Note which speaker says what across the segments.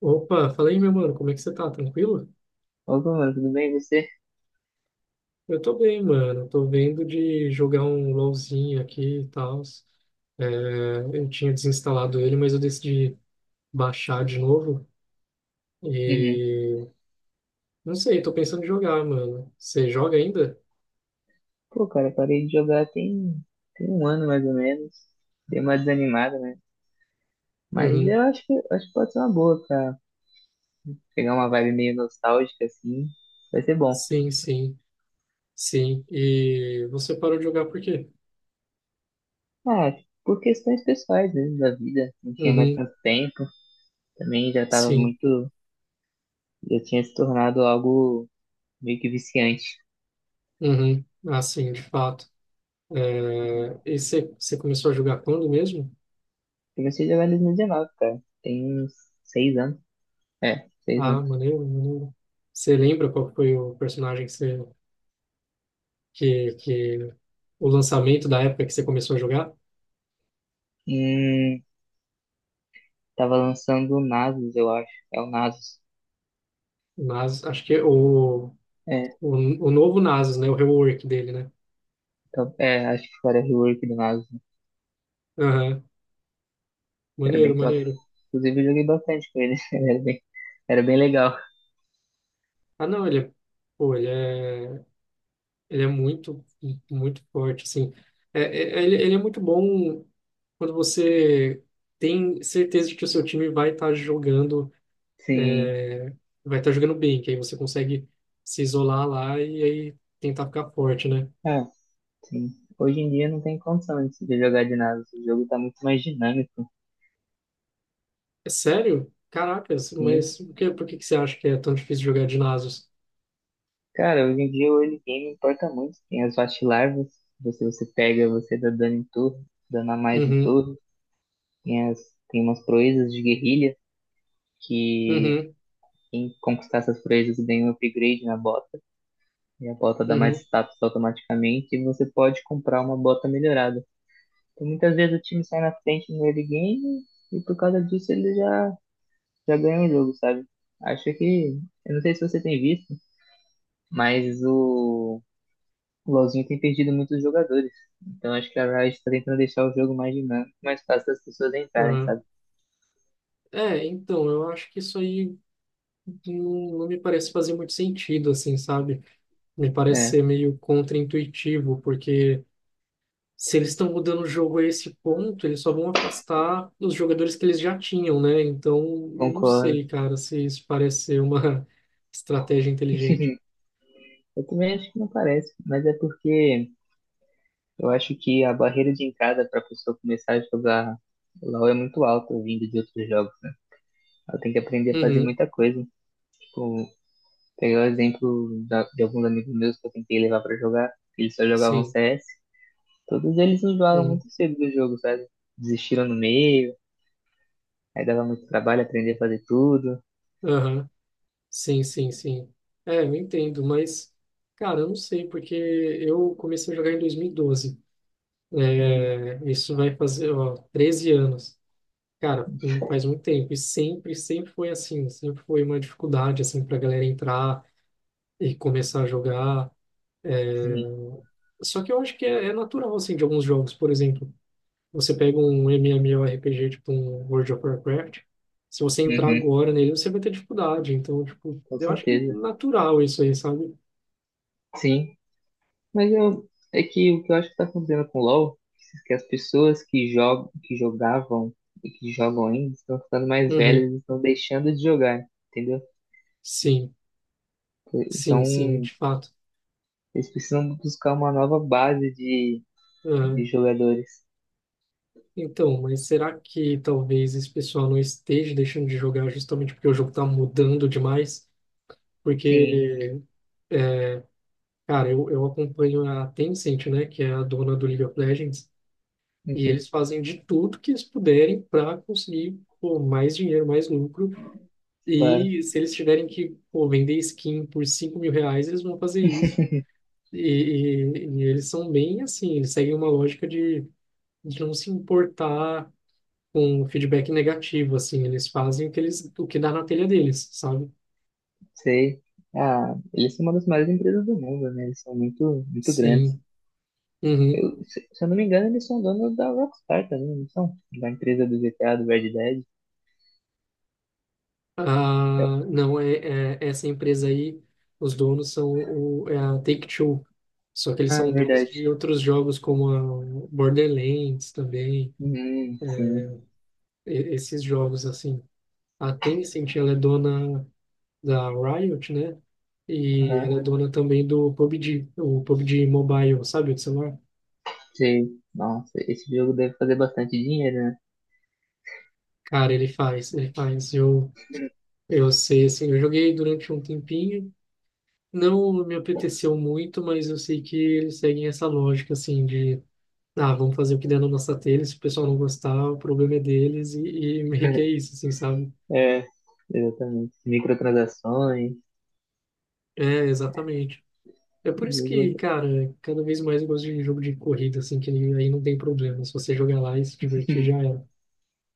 Speaker 1: Opa, fala aí, meu mano, como é que você tá? Tranquilo?
Speaker 2: Opa, mano, tudo bem? E você?
Speaker 1: Eu tô bem, mano. Tô vendo de jogar um LoLzinho aqui e tal. É, eu tinha desinstalado ele, mas eu decidi baixar de novo.
Speaker 2: Uhum.
Speaker 1: E não sei, tô pensando em jogar, mano. Você joga ainda?
Speaker 2: Pô, cara, parei de jogar tem um ano mais ou menos. Dei uma desanimada, né? Mas
Speaker 1: Uhum.
Speaker 2: eu acho que pode ser uma boa pra pegar uma vibe meio nostálgica, assim. Vai ser bom.
Speaker 1: Sim, sim, sim. E você parou de jogar por quê?
Speaker 2: Ah, por questões pessoais mesmo da vida. Não tinha mais
Speaker 1: Uhum.
Speaker 2: tanto tempo. Também já tava
Speaker 1: Sim.
Speaker 2: muito. Já tinha se tornado algo meio que viciante.
Speaker 1: Uhum. Ah, sim, de fato.
Speaker 2: Uhum.
Speaker 1: É, e você começou a jogar quando mesmo?
Speaker 2: Comecei a jogar em 2019, cara. Tem uns 6 anos. É, seis
Speaker 1: Ah,
Speaker 2: anos.
Speaker 1: maneiro, maneiro. Você lembra qual foi o personagem que o lançamento da época que você começou a jogar?
Speaker 2: Hum, Tava lançando o Nasus, eu acho. É o Nasus.
Speaker 1: Acho que é
Speaker 2: É,
Speaker 1: o, o novo Nasus, né? O rework dele, né?
Speaker 2: top. É, acho que era rework do Nasus.
Speaker 1: Aham.
Speaker 2: Era
Speaker 1: Maneiro,
Speaker 2: bem top.
Speaker 1: maneiro.
Speaker 2: Inclusive, eu joguei bastante com ele. Era bem, era bem legal.
Speaker 1: Ah, não, pô, ele é, ele é muito forte, assim. É, ele é muito bom quando você tem certeza de que o seu time vai estar
Speaker 2: Sim.
Speaker 1: jogando bem, que aí você consegue se isolar lá e aí tentar ficar forte, né?
Speaker 2: Ah, sim. Hoje em dia não tem condição de se jogar de Nasus. O jogo tá muito mais dinâmico.
Speaker 1: É sério? Caracas,
Speaker 2: Sim.
Speaker 1: mas por que que você acha que é tão difícil jogar de Nasus?
Speaker 2: Cara, hoje em dia o early game importa muito. Tem as fast larvas. Você pega, você dá dano em torre, dano a mais em
Speaker 1: Uhum,
Speaker 2: torre. Tem, as, Tem umas proezas de guerrilha que
Speaker 1: uhum,
Speaker 2: quem conquistar essas proezas ganha um upgrade na bota. E a bota dá mais
Speaker 1: uhum.
Speaker 2: status automaticamente e você pode comprar uma bota melhorada. Então, muitas vezes o time sai na frente no early game e por causa disso ele já ganha o jogo, sabe? Acho que, eu não sei se você tem visto, mas o LoLzinho tem perdido muitos jogadores. Então acho que a Riot está tentando deixar o jogo mais dinâmico, mais fácil das pessoas entrarem,
Speaker 1: Aham.
Speaker 2: sabe?
Speaker 1: É, então, eu acho que isso aí não me parece fazer muito sentido, assim, sabe? Me parece
Speaker 2: É,
Speaker 1: ser meio contraintuitivo, porque se eles estão mudando o jogo a esse ponto, eles só vão afastar os jogadores que eles já tinham, né? Então, não
Speaker 2: concordo.
Speaker 1: sei, cara, se isso parece ser uma estratégia inteligente.
Speaker 2: Eu também acho que não parece, mas é porque eu acho que a barreira de entrada para a pessoa começar a jogar LoL é muito alta, vindo de outros jogos. Ela tem que aprender a fazer
Speaker 1: Uhum,
Speaker 2: muita coisa. Tipo, pegar o exemplo de alguns amigos meus que eu tentei levar para jogar, eles só jogavam
Speaker 1: sim.
Speaker 2: CS. Todos eles enjoaram
Speaker 1: Uhum,
Speaker 2: muito cedo do jogo, sabe? Desistiram no meio, aí dava muito trabalho aprender a fazer tudo.
Speaker 1: aham. Sim, sim, sim. É, eu entendo, mas, cara, eu não sei, porque eu comecei a jogar em 2012.
Speaker 2: Uhum,
Speaker 1: É, isso vai fazer, ó, 13 anos. Cara, não faz muito tempo. E sempre, sempre foi assim. Sempre foi uma dificuldade, assim, pra galera entrar e começar a jogar.
Speaker 2: sim,
Speaker 1: Só que eu acho que é natural, assim, de alguns jogos. Por exemplo, você pega um MMORPG, tipo um World of Warcraft. Se você entrar
Speaker 2: uhum,
Speaker 1: agora nele, você vai ter dificuldade. Então, tipo,
Speaker 2: com
Speaker 1: eu acho que é
Speaker 2: certeza.
Speaker 1: natural isso aí, sabe?
Speaker 2: Sim. Mas eu, é que o que eu acho que tá acontecendo com o LoL, que as pessoas que jogam, que jogavam e que jogam ainda estão ficando mais
Speaker 1: Uhum.
Speaker 2: velhas e estão deixando de jogar, entendeu?
Speaker 1: Sim. Sim, sim,
Speaker 2: Então,
Speaker 1: de fato.
Speaker 2: eles precisam buscar uma nova base de,
Speaker 1: Ah,
Speaker 2: de jogadores.
Speaker 1: então, mas será que talvez esse pessoal não esteja deixando de jogar justamente porque o jogo está mudando demais?
Speaker 2: Sim,
Speaker 1: Porque, cara, eu acompanho a Tencent, né, que é a dona do League of Legends, e
Speaker 2: uhum,
Speaker 1: eles fazem de tudo que eles puderem para conseguir pô, mais dinheiro, mais lucro.
Speaker 2: claro.
Speaker 1: E se eles tiverem que pô, vender skin por 5 mil reais, eles vão fazer isso. E, e eles são bem assim, eles seguem uma lógica de não se importar com um feedback negativo, assim. Eles fazem o que eles, o que dá na telha deles, sabe?
Speaker 2: Sei. Ah, eles são uma das maiores empresas do mundo, né? Eles são muito, muito grandes.
Speaker 1: Sim. Uhum.
Speaker 2: Eu, se eu não me engano, eles são donos da Rockstar também, não são? Da empresa do GTA, do Red Dead. Eu-
Speaker 1: Ah, não, essa empresa aí, os donos são é a Take-Two. Só que eles
Speaker 2: ah,
Speaker 1: são donos
Speaker 2: verdade.
Speaker 1: de outros jogos, como a Borderlands também,
Speaker 2: Sim.
Speaker 1: esses jogos, assim. A Tencent, ela é dona da Riot, né? E
Speaker 2: Aham,
Speaker 1: ela é dona também do PUBG, o PUBG Mobile, sabe, o de celular?
Speaker 2: sei. Nossa, esse jogo deve fazer bastante dinheiro, né?
Speaker 1: Cara, ele faz, ele faz. Eu sei, assim, eu joguei durante um tempinho, não me apeteceu muito, mas eu sei que eles seguem essa lógica, assim, de, ah, vamos fazer o que der na nossa telha, se o pessoal não gostar, o problema é deles, e meio que é isso, assim, sabe?
Speaker 2: É, exatamente. Microtransações.
Speaker 1: É, exatamente. É por
Speaker 2: esse
Speaker 1: isso que,
Speaker 2: jogo-
Speaker 1: cara, cada vez mais eu gosto de jogo de corrida, assim, que aí não tem problema, se você jogar lá e se divertir, já era.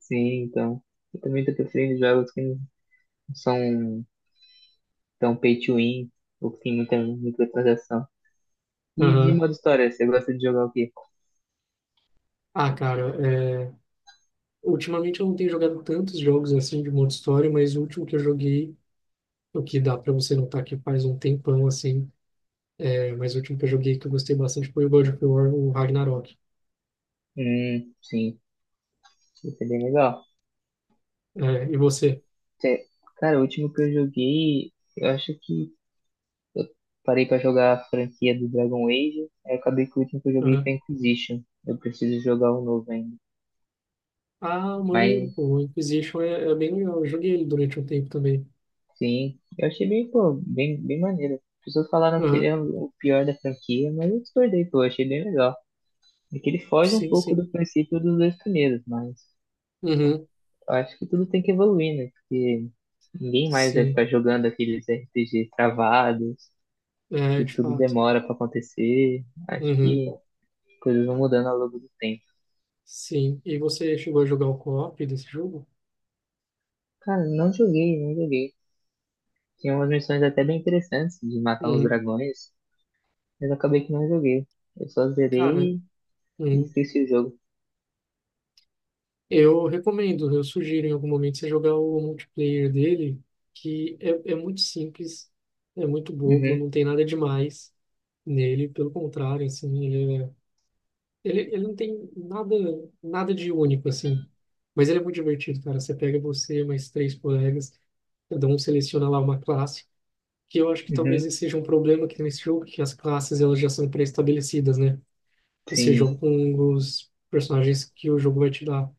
Speaker 2: Sim, então. Eu também tô preferindo jogos que não são tão pay to win, ou que tem muita microtransação. E de
Speaker 1: Aham.
Speaker 2: modo história, você gosta de jogar o quê?
Speaker 1: Ah, cara, é... ultimamente eu não tenho jogado tantos jogos, assim, de modo história, mas o último que eu joguei o que dá para você notar que faz um tempão assim. Mas o último que eu joguei que eu gostei bastante foi o God of War, o Ragnarok.
Speaker 2: Sim. Isso é bem legal.
Speaker 1: É, e você?
Speaker 2: Cê- Cara, o último que eu joguei, eu acho que parei pra jogar a franquia do Dragon Age, aí eu acabei que o último que eu joguei
Speaker 1: Aham.
Speaker 2: foi Inquisition. Eu preciso jogar o novo ainda.
Speaker 1: Ah, maneiro, pô.
Speaker 2: Mas,
Speaker 1: O Inquisition é bem legal. Eu joguei ele durante um tempo também.
Speaker 2: sim, eu achei bem, pô, bem, bem maneiro. As pessoas falaram que ele
Speaker 1: Aham.
Speaker 2: é o pior da franquia, mas eu discordei, pô, eu achei bem legal. É que ele foge um
Speaker 1: Sim,
Speaker 2: pouco
Speaker 1: sim.
Speaker 2: do princípio dos dois primeiros, mas
Speaker 1: Uhum.
Speaker 2: eu acho que tudo tem que evoluir, né? Porque ninguém mais vai
Speaker 1: Sim.
Speaker 2: ficar jogando aqueles RPGs travados,
Speaker 1: É,
Speaker 2: que
Speaker 1: de
Speaker 2: tudo
Speaker 1: fato.
Speaker 2: demora pra acontecer. Acho
Speaker 1: Uhum.
Speaker 2: que coisas vão mudando ao longo do tempo.
Speaker 1: Sim. E você chegou a jogar o co-op desse jogo?
Speaker 2: Cara, não joguei, não joguei. Tinha umas missões até bem interessantes de matar uns
Speaker 1: Uhum.
Speaker 2: dragões, mas eu acabei que não joguei. Eu só
Speaker 1: Cara,
Speaker 2: zerei e
Speaker 1: uhum.
Speaker 2: esqueci o jogo.
Speaker 1: Eu recomendo, eu sugiro em algum momento você jogar o multiplayer dele, que é muito simples, é muito bobo,
Speaker 2: Uhum,
Speaker 1: não tem nada demais nele, pelo contrário, assim, ele não tem nada de único, assim. Mas ele é muito divertido, cara. Você pega você, mais três colegas, cada um seleciona lá uma classe, que eu acho que talvez
Speaker 2: uhum,
Speaker 1: esse seja um problema que tem nesse jogo, que as classes elas já são pré-estabelecidas, né? Você
Speaker 2: sim.
Speaker 1: joga com os personagens que o jogo vai te dar.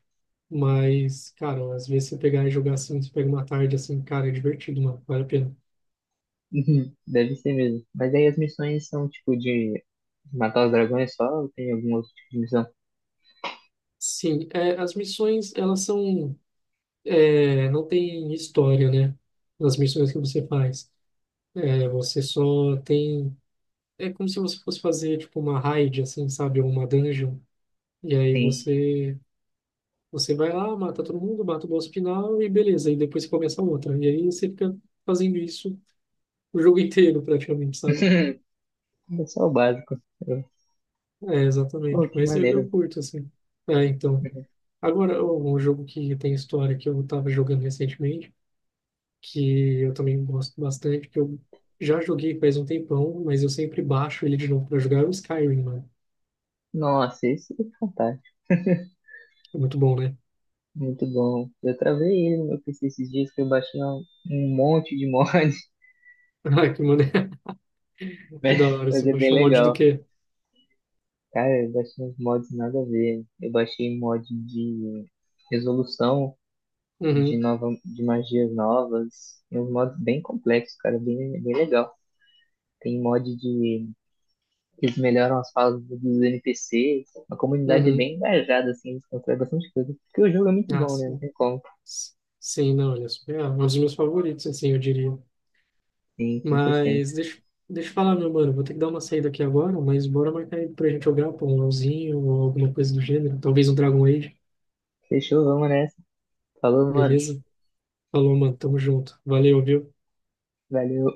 Speaker 1: Mas, cara, às vezes você pegar e jogar assim, você pega uma tarde assim, cara, é divertido, mano, vale a pena.
Speaker 2: Uhum, deve ser mesmo. Mas aí as missões são tipo de matar os dragões só ou tem algum outro tipo de missão?
Speaker 1: Sim, é, as missões, elas são, é, não tem história, né? Nas missões que você faz. É, você só tem, é como se você fosse fazer, tipo, uma raid, assim, sabe? Ou uma dungeon. E aí
Speaker 2: Sim.
Speaker 1: você vai lá, mata todo mundo, mata o boss final e beleza. E depois começa outra. E aí você fica fazendo isso o jogo inteiro, praticamente, sabe?
Speaker 2: É só o básico. Eu-
Speaker 1: É, exatamente.
Speaker 2: Pô, que
Speaker 1: Eu
Speaker 2: maneiro.
Speaker 1: curto, assim. É, então.
Speaker 2: Uhum.
Speaker 1: Agora, um jogo que tem história que eu tava jogando recentemente, que eu também gosto bastante, que eu já joguei faz um tempão, mas eu sempre baixo ele de novo pra jogar, é o Skyrim, mano.
Speaker 2: Nossa, esse é fantástico.
Speaker 1: É muito bom, né?
Speaker 2: Muito bom. Eu travei ele no meu PC esses dias que eu baixei um monte de mod,
Speaker 1: Ah, que maneiro, que
Speaker 2: né?
Speaker 1: da hora, você
Speaker 2: Mas é
Speaker 1: vai
Speaker 2: bem
Speaker 1: chamar de do
Speaker 2: legal.
Speaker 1: quê?
Speaker 2: Cara, eu baixei uns mods nada a ver. Eu baixei mod de resolução, de
Speaker 1: Uhum,
Speaker 2: nova, de magias novas. E uns mods bem complexos, cara, bem, bem legal. Tem mod de que eles melhoram as falas dos NPCs. A comunidade é
Speaker 1: uhum.
Speaker 2: bem engajada, assim, eles constroem bastante coisa. Porque o jogo é muito
Speaker 1: Ah,
Speaker 2: bom, né? Não
Speaker 1: sim.
Speaker 2: tem como.
Speaker 1: S- Sim, não, olha, é um dos meus favoritos, assim, eu diria.
Speaker 2: Sim,
Speaker 1: Mas
Speaker 2: 100%.
Speaker 1: deixa eu falar, meu mano, vou ter que dar uma saída aqui agora, mas bora marcar aí pra gente jogar, pô, um LOLzinho ou alguma coisa do gênero, talvez um Dragon Age,
Speaker 2: Fechou, vamos nessa. Falou, mano.
Speaker 1: beleza? Falou, mano. Tamo junto. Valeu, viu?
Speaker 2: Valeu.